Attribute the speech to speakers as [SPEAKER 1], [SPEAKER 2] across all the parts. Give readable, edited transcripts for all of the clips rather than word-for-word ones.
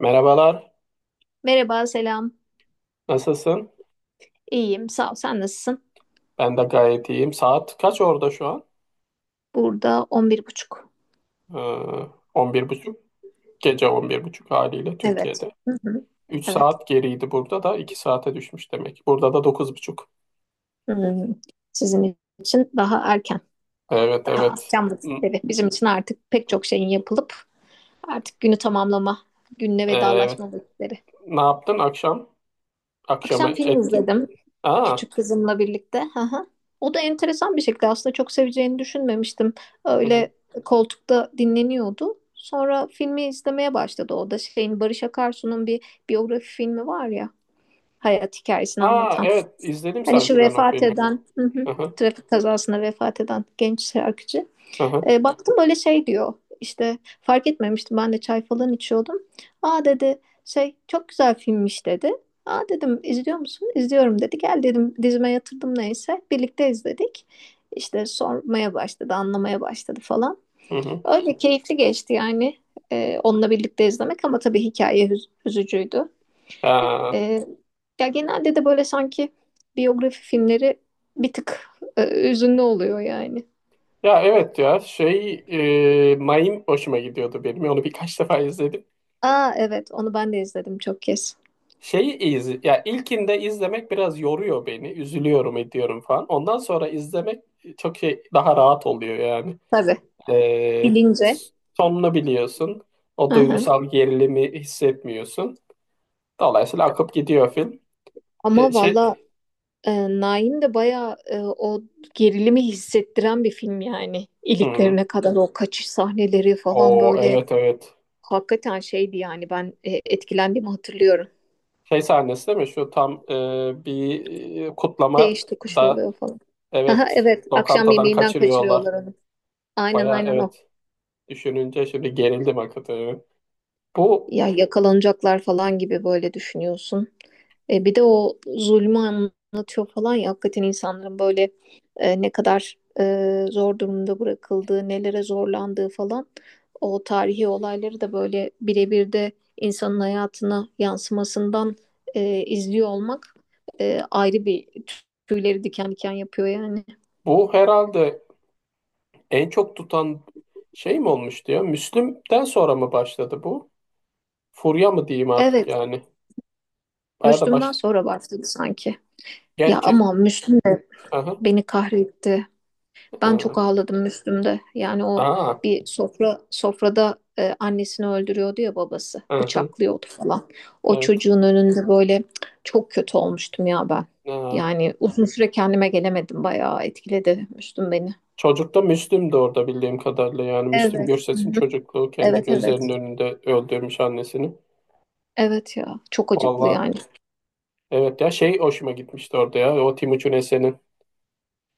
[SPEAKER 1] Merhabalar,
[SPEAKER 2] Merhaba, selam.
[SPEAKER 1] nasılsın?
[SPEAKER 2] İyiyim, sağ ol. Sen nasılsın?
[SPEAKER 1] Ben de gayet iyiyim. Saat kaç orada şu an?
[SPEAKER 2] Burada 11:30.
[SPEAKER 1] Ee, 11.30, gece 11.30 haliyle
[SPEAKER 2] Evet.
[SPEAKER 1] Türkiye'de.
[SPEAKER 2] Hı hı.
[SPEAKER 1] 3
[SPEAKER 2] Evet.
[SPEAKER 1] saat geriydi, burada da 2 saate düşmüş demek. Burada da 9.30.
[SPEAKER 2] Hmm, Sizin için daha erken,
[SPEAKER 1] Evet,
[SPEAKER 2] daha
[SPEAKER 1] evet.
[SPEAKER 2] az can
[SPEAKER 1] N-
[SPEAKER 2] vakitleri. Bizim için artık pek çok şeyin yapılıp artık günü tamamlama, günle
[SPEAKER 1] Evet.
[SPEAKER 2] vedalaşma vakitleri.
[SPEAKER 1] Ne yaptın akşam? Akşamı
[SPEAKER 2] Akşam film
[SPEAKER 1] etkin.
[SPEAKER 2] izledim
[SPEAKER 1] Aa,
[SPEAKER 2] küçük kızımla birlikte. Hı hı. O da enteresan bir şekilde aslında çok seveceğini düşünmemiştim.
[SPEAKER 1] hı hı.
[SPEAKER 2] Öyle koltukta dinleniyordu. Sonra filmi izlemeye başladı. O da şeyin Barış Akarsu'nun bir biyografi filmi var ya, hayat hikayesini
[SPEAKER 1] Aa,
[SPEAKER 2] anlatan.
[SPEAKER 1] evet izledim
[SPEAKER 2] Hani şu
[SPEAKER 1] sanki ben o
[SPEAKER 2] vefat
[SPEAKER 1] filmi.
[SPEAKER 2] eden, hı hı,
[SPEAKER 1] Hı hı,
[SPEAKER 2] trafik kazasında vefat eden genç şarkıcı.
[SPEAKER 1] hı hı,
[SPEAKER 2] Baktım öyle şey diyor. İşte fark etmemiştim, ben de çay falan içiyordum. Aa, dedi, şey çok güzel filmmiş, dedi. Aa, dedim, izliyor musun? İzliyorum, dedi. Gel, dedim, dizime yatırdım neyse. Birlikte izledik. İşte sormaya başladı, anlamaya başladı falan.
[SPEAKER 1] hı hı.
[SPEAKER 2] Öyle keyifli geçti yani onunla birlikte izlemek, ama tabii hikaye üzücüydü.
[SPEAKER 1] Aa,
[SPEAKER 2] Ee, ya genelde de böyle sanki biyografi filmleri bir tık hüzünlü oluyor yani.
[SPEAKER 1] ya evet, ya şey, Mayim hoşuma gidiyordu benim. Onu birkaç defa izledim.
[SPEAKER 2] Aa, evet, onu ben de izledim çok kez.
[SPEAKER 1] Şeyi iz Ya ilkinde izlemek biraz yoruyor beni. Üzülüyorum, ediyorum falan. Ondan sonra izlemek çok şey, daha rahat oluyor yani.
[SPEAKER 2] Tabii.
[SPEAKER 1] Ee,
[SPEAKER 2] Bilince.
[SPEAKER 1] Sonunu biliyorsun. O
[SPEAKER 2] Aha.
[SPEAKER 1] duygusal gerilimi hissetmiyorsun. Dolayısıyla akıp gidiyor film.
[SPEAKER 2] Ama
[SPEAKER 1] Şey,
[SPEAKER 2] valla Naim de bayağı o gerilimi hissettiren bir film yani.
[SPEAKER 1] hmm.
[SPEAKER 2] İliklerine kadar o kaçış sahneleri falan
[SPEAKER 1] O,
[SPEAKER 2] böyle
[SPEAKER 1] evet evet.
[SPEAKER 2] hakikaten şeydi yani, ben etkilendiğimi hatırlıyorum.
[SPEAKER 1] Şey sahnesi değil mi? Şu tam bir kutlama
[SPEAKER 2] Değiş tokuş
[SPEAKER 1] da,
[SPEAKER 2] oluyor falan. Aha,
[SPEAKER 1] evet,
[SPEAKER 2] evet, akşam
[SPEAKER 1] lokantadan
[SPEAKER 2] yemeğinden
[SPEAKER 1] kaçırıyorlar.
[SPEAKER 2] kaçırıyorlar onu. Aynen,
[SPEAKER 1] Baya
[SPEAKER 2] aynen o.
[SPEAKER 1] evet, düşününce şimdi gerildim hakikaten. Bu
[SPEAKER 2] Ya yakalanacaklar falan gibi böyle düşünüyorsun. Bir de o zulmü anlatıyor falan ya, hakikaten insanların böyle ne kadar zor durumda bırakıldığı, nelere zorlandığı falan, o tarihi olayları da böyle birebir de insanın hayatına yansımasından izliyor olmak ayrı bir, tüyleri diken diken yapıyor yani.
[SPEAKER 1] bu herhalde en çok tutan şey mi olmuştu ya? Müslüm'den sonra mı başladı bu? Furya mı diyeyim artık
[SPEAKER 2] Evet,
[SPEAKER 1] yani? Baya da
[SPEAKER 2] Müslüm'den
[SPEAKER 1] baş.
[SPEAKER 2] sonra başladı sanki. Ya,
[SPEAKER 1] Gerçi
[SPEAKER 2] ama Müslüm de
[SPEAKER 1] aha,
[SPEAKER 2] beni kahretti. Ben çok
[SPEAKER 1] aha,
[SPEAKER 2] ağladım Müslüm'de. Yani o
[SPEAKER 1] aa,
[SPEAKER 2] bir sofra sofrada annesini öldürüyordu ya, babası.
[SPEAKER 1] aha,
[SPEAKER 2] Bıçaklıyordu falan. O
[SPEAKER 1] evet.
[SPEAKER 2] çocuğun önünde böyle. Çok kötü olmuştum ya ben.
[SPEAKER 1] Aa.
[SPEAKER 2] Yani uzun süre kendime gelemedim. Bayağı etkiledi Müslüm beni.
[SPEAKER 1] Çocukta Müslüm de orada, bildiğim kadarıyla, yani Müslüm
[SPEAKER 2] Evet. Hı
[SPEAKER 1] Gürses'in
[SPEAKER 2] hı.
[SPEAKER 1] çocukluğu kendi
[SPEAKER 2] Evet,
[SPEAKER 1] gözlerinin
[SPEAKER 2] evet.
[SPEAKER 1] önünde öldürmüş annesini.
[SPEAKER 2] Evet ya. Çok acıklı
[SPEAKER 1] Valla
[SPEAKER 2] yani.
[SPEAKER 1] evet, ya şey, hoşuma gitmişti orada ya o Timuçin Esen'in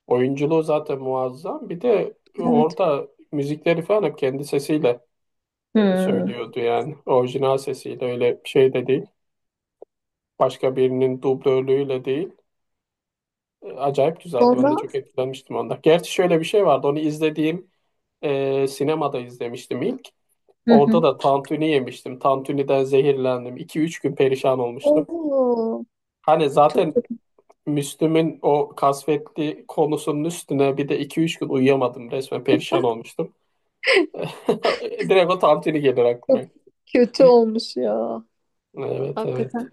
[SPEAKER 1] oyunculuğu zaten muazzam, bir de
[SPEAKER 2] Evet.
[SPEAKER 1] orada müzikleri falan hep kendi sesiyle
[SPEAKER 2] Hmm.
[SPEAKER 1] söylüyordu yani. Orijinal sesiyle, öyle bir şey de değil. Başka birinin dublörlüğüyle değil. Acayip güzeldi. Ben de
[SPEAKER 2] Sonra
[SPEAKER 1] çok etkilenmiştim ondan. Gerçi şöyle bir şey vardı. Onu izlediğim, sinemada izlemiştim ilk.
[SPEAKER 2] hı hı.
[SPEAKER 1] Orada da tantuni yemiştim. Tantuni'den zehirlendim. İki üç gün perişan olmuştum.
[SPEAKER 2] Oo,
[SPEAKER 1] Hani
[SPEAKER 2] çok
[SPEAKER 1] zaten
[SPEAKER 2] kötü.
[SPEAKER 1] Müslüm'ün o kasvetli konusunun üstüne bir de iki üç gün uyuyamadım. Resmen perişan olmuştum. Direkt o tantuni gelir
[SPEAKER 2] Çok
[SPEAKER 1] aklıma.
[SPEAKER 2] kötü olmuş ya.
[SPEAKER 1] Evet evet.
[SPEAKER 2] Hakikaten.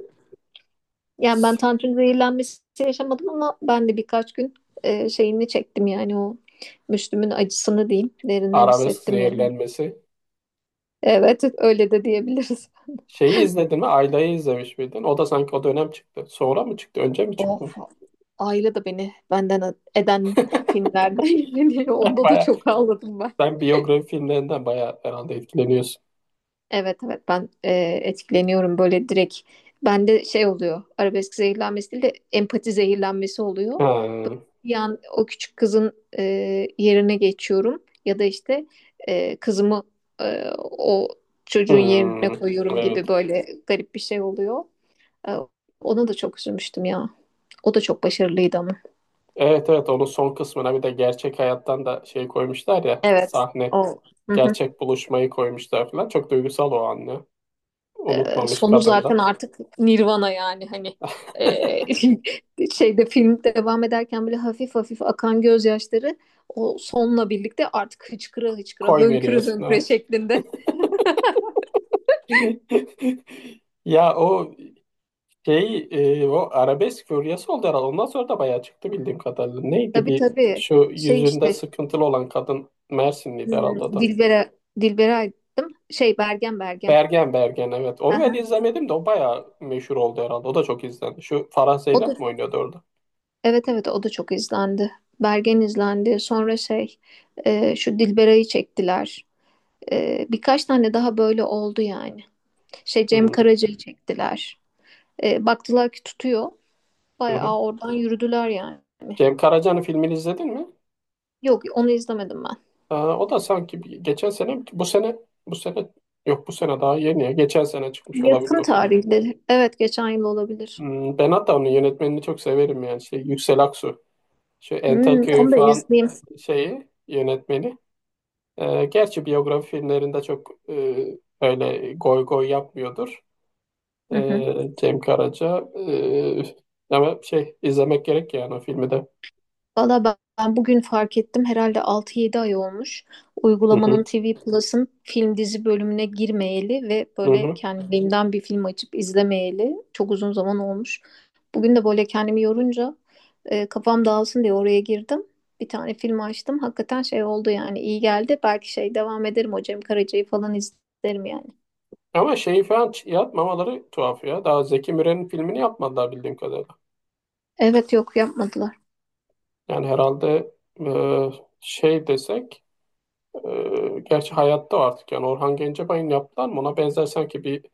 [SPEAKER 2] Yani ben tantrum zehirlenmesi yaşamadım, ama ben de birkaç gün şeyini çektim yani, o Müslüm'ün acısını diyeyim, derinden
[SPEAKER 1] Arabesk
[SPEAKER 2] hissettim yani.
[SPEAKER 1] zehirlenmesi.
[SPEAKER 2] Evet, öyle de diyebiliriz.
[SPEAKER 1] Şeyi izledin mi? Ayla'yı izlemiş miydin? O da sanki o dönem çıktı. Sonra mı çıktı? Önce mi
[SPEAKER 2] Oh.
[SPEAKER 1] çıktı?
[SPEAKER 2] Ayla da beni benden eden filmlerden yani, onda da
[SPEAKER 1] Baya,
[SPEAKER 2] çok ağladım ben.
[SPEAKER 1] sen biyografi filmlerinden baya herhalde etkileniyorsun.
[SPEAKER 2] Evet, evet. Ben etkileniyorum böyle, direkt. Bende şey oluyor, arabesk zehirlenmesi değil de empati zehirlenmesi oluyor.
[SPEAKER 1] Ha,
[SPEAKER 2] Bir an o küçük kızın e, yerine geçiyorum, ya da işte kızımı o çocuğun yerine
[SPEAKER 1] hmm,
[SPEAKER 2] koyuyorum gibi,
[SPEAKER 1] evet.
[SPEAKER 2] böyle garip bir şey oluyor. E, ona da çok üzülmüştüm ya. O da çok başarılıydı ama.
[SPEAKER 1] Evet evet, onun son kısmına bir de gerçek hayattan da şey koymuşlar ya,
[SPEAKER 2] Evet.
[SPEAKER 1] sahne,
[SPEAKER 2] O. Hı hı.
[SPEAKER 1] gerçek buluşmayı koymuşlar falan. Çok duygusal o anne.
[SPEAKER 2] E,
[SPEAKER 1] Unutmamış
[SPEAKER 2] sonu
[SPEAKER 1] kadın da.
[SPEAKER 2] zaten artık Nirvana yani, hani e, şeyde, film devam ederken bile hafif hafif akan gözyaşları, o sonla birlikte artık hıçkıra hıçkıra,
[SPEAKER 1] Koy
[SPEAKER 2] hönküre
[SPEAKER 1] veriyorsun.
[SPEAKER 2] hönküre
[SPEAKER 1] Evet.
[SPEAKER 2] şeklinde.
[SPEAKER 1] Ya o şey, o arabesk furyası oldu herhalde. Ondan sonra da bayağı çıktı bildiğim kadarıyla. Neydi,
[SPEAKER 2] Tabii,
[SPEAKER 1] bir
[SPEAKER 2] tabii.
[SPEAKER 1] şu
[SPEAKER 2] Şey,
[SPEAKER 1] yüzünde
[SPEAKER 2] işte
[SPEAKER 1] sıkıntılı olan kadın, Mersinliydi herhalde o da.
[SPEAKER 2] Dilbera. Dilbera'ydım. Şey, Bergen, Bergen.
[SPEAKER 1] Bergen Bergen, evet. Onu ben
[SPEAKER 2] Aha.
[SPEAKER 1] izlemedim de o bayağı meşhur oldu herhalde. O da çok izlendi. Şu Farah
[SPEAKER 2] O da,
[SPEAKER 1] Zeynep mi oynuyordu orada?
[SPEAKER 2] evet, evet, o da çok izlendi. Bergen izlendi. Sonra şey, şu Dilbera'yı çektiler. Birkaç tane daha böyle oldu yani. Şey, Cem
[SPEAKER 1] Hı
[SPEAKER 2] Karaca'yı çektiler. Baktılar ki tutuyor.
[SPEAKER 1] hı.
[SPEAKER 2] Bayağı oradan yürüdüler yani.
[SPEAKER 1] Cem Karaca'nın filmini izledin mi?
[SPEAKER 2] Yok, onu izlemedim ben.
[SPEAKER 1] Aa, o da sanki geçen sene, bu sene, bu sene yok, bu sene daha yeni ya. Geçen sene çıkmış olabilir
[SPEAKER 2] Yakın
[SPEAKER 1] o film.
[SPEAKER 2] tarihleri. Evet, geçen yıl olabilir.
[SPEAKER 1] Hmm, ben hatta onun yönetmenini çok severim yani. Şey, Yüksel Aksu. Şu
[SPEAKER 2] Hmm,
[SPEAKER 1] Entelköy'ün
[SPEAKER 2] onu da
[SPEAKER 1] falan
[SPEAKER 2] izleyeyim.
[SPEAKER 1] şeyi yönetmeni. Gerçi biyografi filmlerinde çok öyle goy goy yapmıyordur.
[SPEAKER 2] Hı hı.
[SPEAKER 1] Cem Karaca. Ama şey izlemek gerek yani o filmi de.
[SPEAKER 2] Valla ben bugün fark ettim. Herhalde 6-7 ay olmuş.
[SPEAKER 1] Hı
[SPEAKER 2] Uygulamanın
[SPEAKER 1] hı,
[SPEAKER 2] TV Plus'ın film dizi bölümüne girmeyeli ve
[SPEAKER 1] hı
[SPEAKER 2] böyle
[SPEAKER 1] hı.
[SPEAKER 2] kendiliğimden bir film açıp izlemeyeli çok uzun zaman olmuş. Bugün de böyle kendimi yorunca kafam dağılsın diye oraya girdim. Bir tane film açtım. Hakikaten şey oldu yani, iyi geldi. Belki şey, devam ederim, o Cem Karaca'yı falan izlerim yani.
[SPEAKER 1] Ama şeyi falan yapmamaları tuhaf ya. Daha Zeki Müren'in filmini yapmadılar bildiğim kadarıyla.
[SPEAKER 2] Evet, yok, yapmadılar.
[SPEAKER 1] Yani herhalde, e, şey desek, gerçi hayatta o artık yani, Orhan Gencebay'ın yaptılar mı, ona benzer sanki bir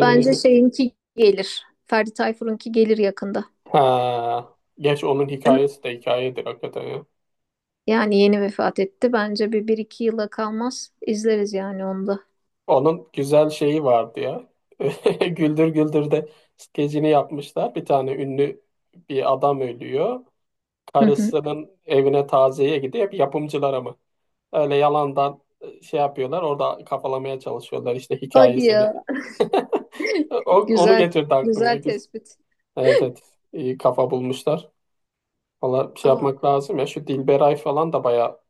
[SPEAKER 2] Bence şeyinki gelir. Ferdi Tayfur'unki gelir yakında.
[SPEAKER 1] ha. Geç, onun hikayesi de hikayedir hakikaten ya.
[SPEAKER 2] Yani yeni vefat etti. Bence bir iki yıla kalmaz. İzleriz yani onu da.
[SPEAKER 1] Onun güzel şeyi vardı ya. Güldür Güldür'de skecini yapmışlar. Bir tane ünlü bir adam ölüyor.
[SPEAKER 2] Hı hı.
[SPEAKER 1] Karısının evine taziyeye gidiyor. Bir yapımcılara mı? Öyle yalandan şey yapıyorlar. Orada kafalamaya çalışıyorlar işte
[SPEAKER 2] Hadi
[SPEAKER 1] hikayesini.
[SPEAKER 2] ya.
[SPEAKER 1] O, onu
[SPEAKER 2] Güzel.
[SPEAKER 1] getirdi aklıma.
[SPEAKER 2] Güzel
[SPEAKER 1] Güzel.
[SPEAKER 2] tespit.
[SPEAKER 1] Evet evet. İyi kafa bulmuşlar. Valla şey
[SPEAKER 2] Ama
[SPEAKER 1] yapmak lazım ya, şu Dilberay falan da baya,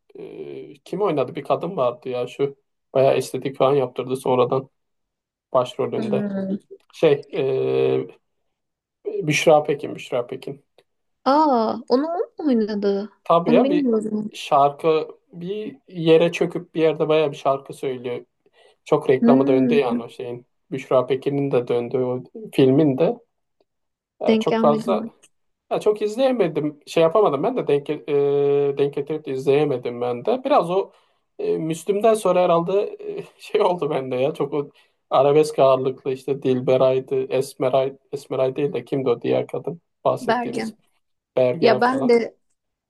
[SPEAKER 1] kim oynadı, bir kadın vardı ya şu, baya estetik falan yaptırdı sonradan, başrolünde.
[SPEAKER 2] hmm.
[SPEAKER 1] Şey, Büşra Pekin, Büşra Pekin.
[SPEAKER 2] Aa, onu o mu oynadı?
[SPEAKER 1] Tabii
[SPEAKER 2] Onu
[SPEAKER 1] ya, bir
[SPEAKER 2] bilmiyordum.
[SPEAKER 1] şarkı bir yere çöküp bir yerde baya bir şarkı söylüyor. Çok reklamı döndü yani
[SPEAKER 2] Hmm.
[SPEAKER 1] o şeyin. Büşra Pekin'in de döndüğü o filmin de
[SPEAKER 2] Denk
[SPEAKER 1] çok
[SPEAKER 2] gelmedim
[SPEAKER 1] fazla.
[SPEAKER 2] ben.
[SPEAKER 1] Ya çok izleyemedim. Şey yapamadım ben de denk getirip de izleyemedim ben de. Biraz o, Müslüm'den sonra herhalde, şey oldu bende ya. Çok o arabesk ağırlıklı işte Dilberay'dı, Esmeray, Esmeray değil de kimdi o diğer kadın bahsettiğimiz.
[SPEAKER 2] Bergen.
[SPEAKER 1] Bergen
[SPEAKER 2] Ya, ben
[SPEAKER 1] falan.
[SPEAKER 2] de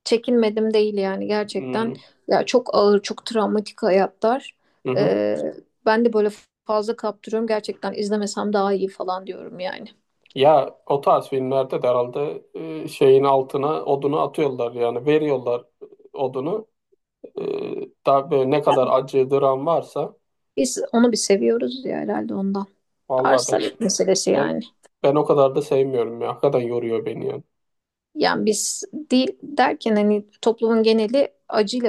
[SPEAKER 2] çekinmedim değil yani, gerçekten.
[SPEAKER 1] Hmm,
[SPEAKER 2] Ya, çok ağır, çok travmatik hayatlar.
[SPEAKER 1] hı hı.
[SPEAKER 2] Ee, ben de böyle fazla kaptırıyorum. Gerçekten izlemesem daha iyi falan diyorum yani.
[SPEAKER 1] Ya o tarz filmlerde de herhalde, şeyin altına odunu atıyorlar, yani veriyorlar odunu. E, Daha böyle ne
[SPEAKER 2] Ya,
[SPEAKER 1] kadar acı dram varsa,
[SPEAKER 2] biz onu bir seviyoruz ya herhalde, ondan.
[SPEAKER 1] vallahi ben.
[SPEAKER 2] Arsalık meselesi
[SPEAKER 1] Ben
[SPEAKER 2] yani.
[SPEAKER 1] ben o kadar da sevmiyorum ya. Hakikaten yoruyor beni yani.
[SPEAKER 2] Yani biz değil derken, hani toplumun geneli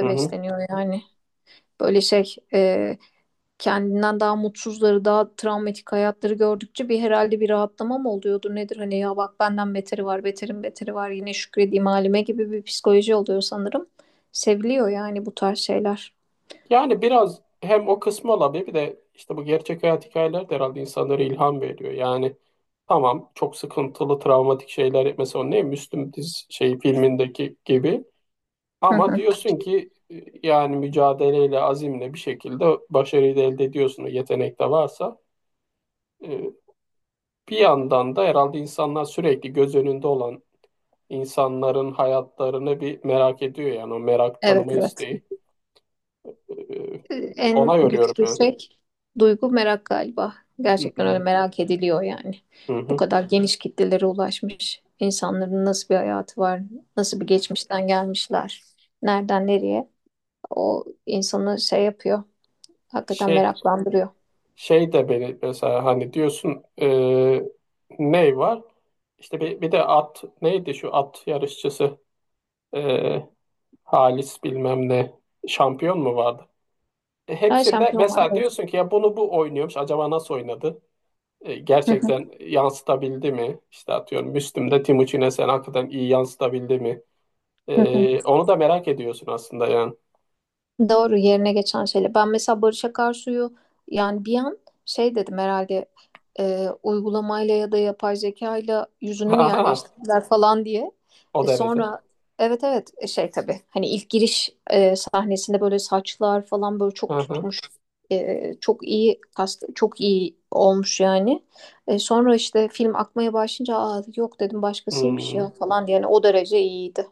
[SPEAKER 1] Hı hı.
[SPEAKER 2] besleniyor yani. Böyle şey, kendinden daha mutsuzları, daha travmatik hayatları gördükçe bir, herhalde bir rahatlama mı oluyordu nedir? Hani, ya bak, benden beteri var, beterin beteri var, yine şükredeyim halime gibi bir psikoloji oluyor sanırım. Seviliyor yani bu tarz şeyler.
[SPEAKER 1] Yani biraz hem o kısmı olabilir, bir de işte bu gerçek hayat hikayeler de herhalde insanlara ilham veriyor. Yani tamam, çok sıkıntılı, travmatik şeyler, mesela o ne Müslüm diz şey filmindeki gibi,
[SPEAKER 2] Hı
[SPEAKER 1] ama
[SPEAKER 2] hı.
[SPEAKER 1] diyorsun ki yani mücadeleyle, azimle bir şekilde başarıyı da elde ediyorsun. Yetenek de varsa, E, bir yandan da herhalde insanlar sürekli göz önünde olan insanların hayatlarını bir merak ediyor yani, o merak
[SPEAKER 2] Evet,
[SPEAKER 1] tanıma
[SPEAKER 2] evet.
[SPEAKER 1] isteği. Ee, Ona
[SPEAKER 2] En
[SPEAKER 1] yoruyorum
[SPEAKER 2] güçlü
[SPEAKER 1] yani.
[SPEAKER 2] şey duygu, merak galiba.
[SPEAKER 1] Hı
[SPEAKER 2] Gerçekten öyle
[SPEAKER 1] hı.
[SPEAKER 2] merak ediliyor yani.
[SPEAKER 1] Hı
[SPEAKER 2] Bu
[SPEAKER 1] hı.
[SPEAKER 2] kadar geniş kitlelere ulaşmış insanların nasıl bir hayatı var, nasıl bir geçmişten gelmişler, nereden nereye, o insanı şey yapıyor. Hakikaten
[SPEAKER 1] Şey
[SPEAKER 2] meraklandırıyor.
[SPEAKER 1] şey de beni, mesela hani diyorsun, ne var? İşte bir, bir de at neydi şu at yarışçısı. E, Halis bilmem ne şampiyon mu vardı?
[SPEAKER 2] Ben
[SPEAKER 1] Hepsinde
[SPEAKER 2] şampiyon
[SPEAKER 1] mesela
[SPEAKER 2] vardı.
[SPEAKER 1] diyorsun ki ya, bunu bu oynuyormuş, acaba nasıl oynadı? Gerçekten yansıtabildi mi? İşte atıyorum, Müslüm'de Timuçin'e sen, hakikaten iyi yansıtabildi mi? Onu da merak ediyorsun aslında yani.
[SPEAKER 2] Doğru, yerine geçen şeyle. Ben mesela Barış Akarsu'yu, yani bir an şey dedim herhalde, uygulamayla ya da yapay zekayla yüzünü mü
[SPEAKER 1] Aha,
[SPEAKER 2] yerleştirdiler falan diye.
[SPEAKER 1] o
[SPEAKER 2] E,
[SPEAKER 1] derece.
[SPEAKER 2] sonra evet, evet, şey, tabii, hani ilk giriş sahnesinde böyle saçlar falan böyle çok
[SPEAKER 1] Aha.
[SPEAKER 2] tutmuş. Çok iyi kast, çok iyi olmuş yani. Sonra işte, film akmaya başlayınca, aa, yok dedim, başkasıymış ya
[SPEAKER 1] Hmm.
[SPEAKER 2] falan diye. Yani o derece iyiydi.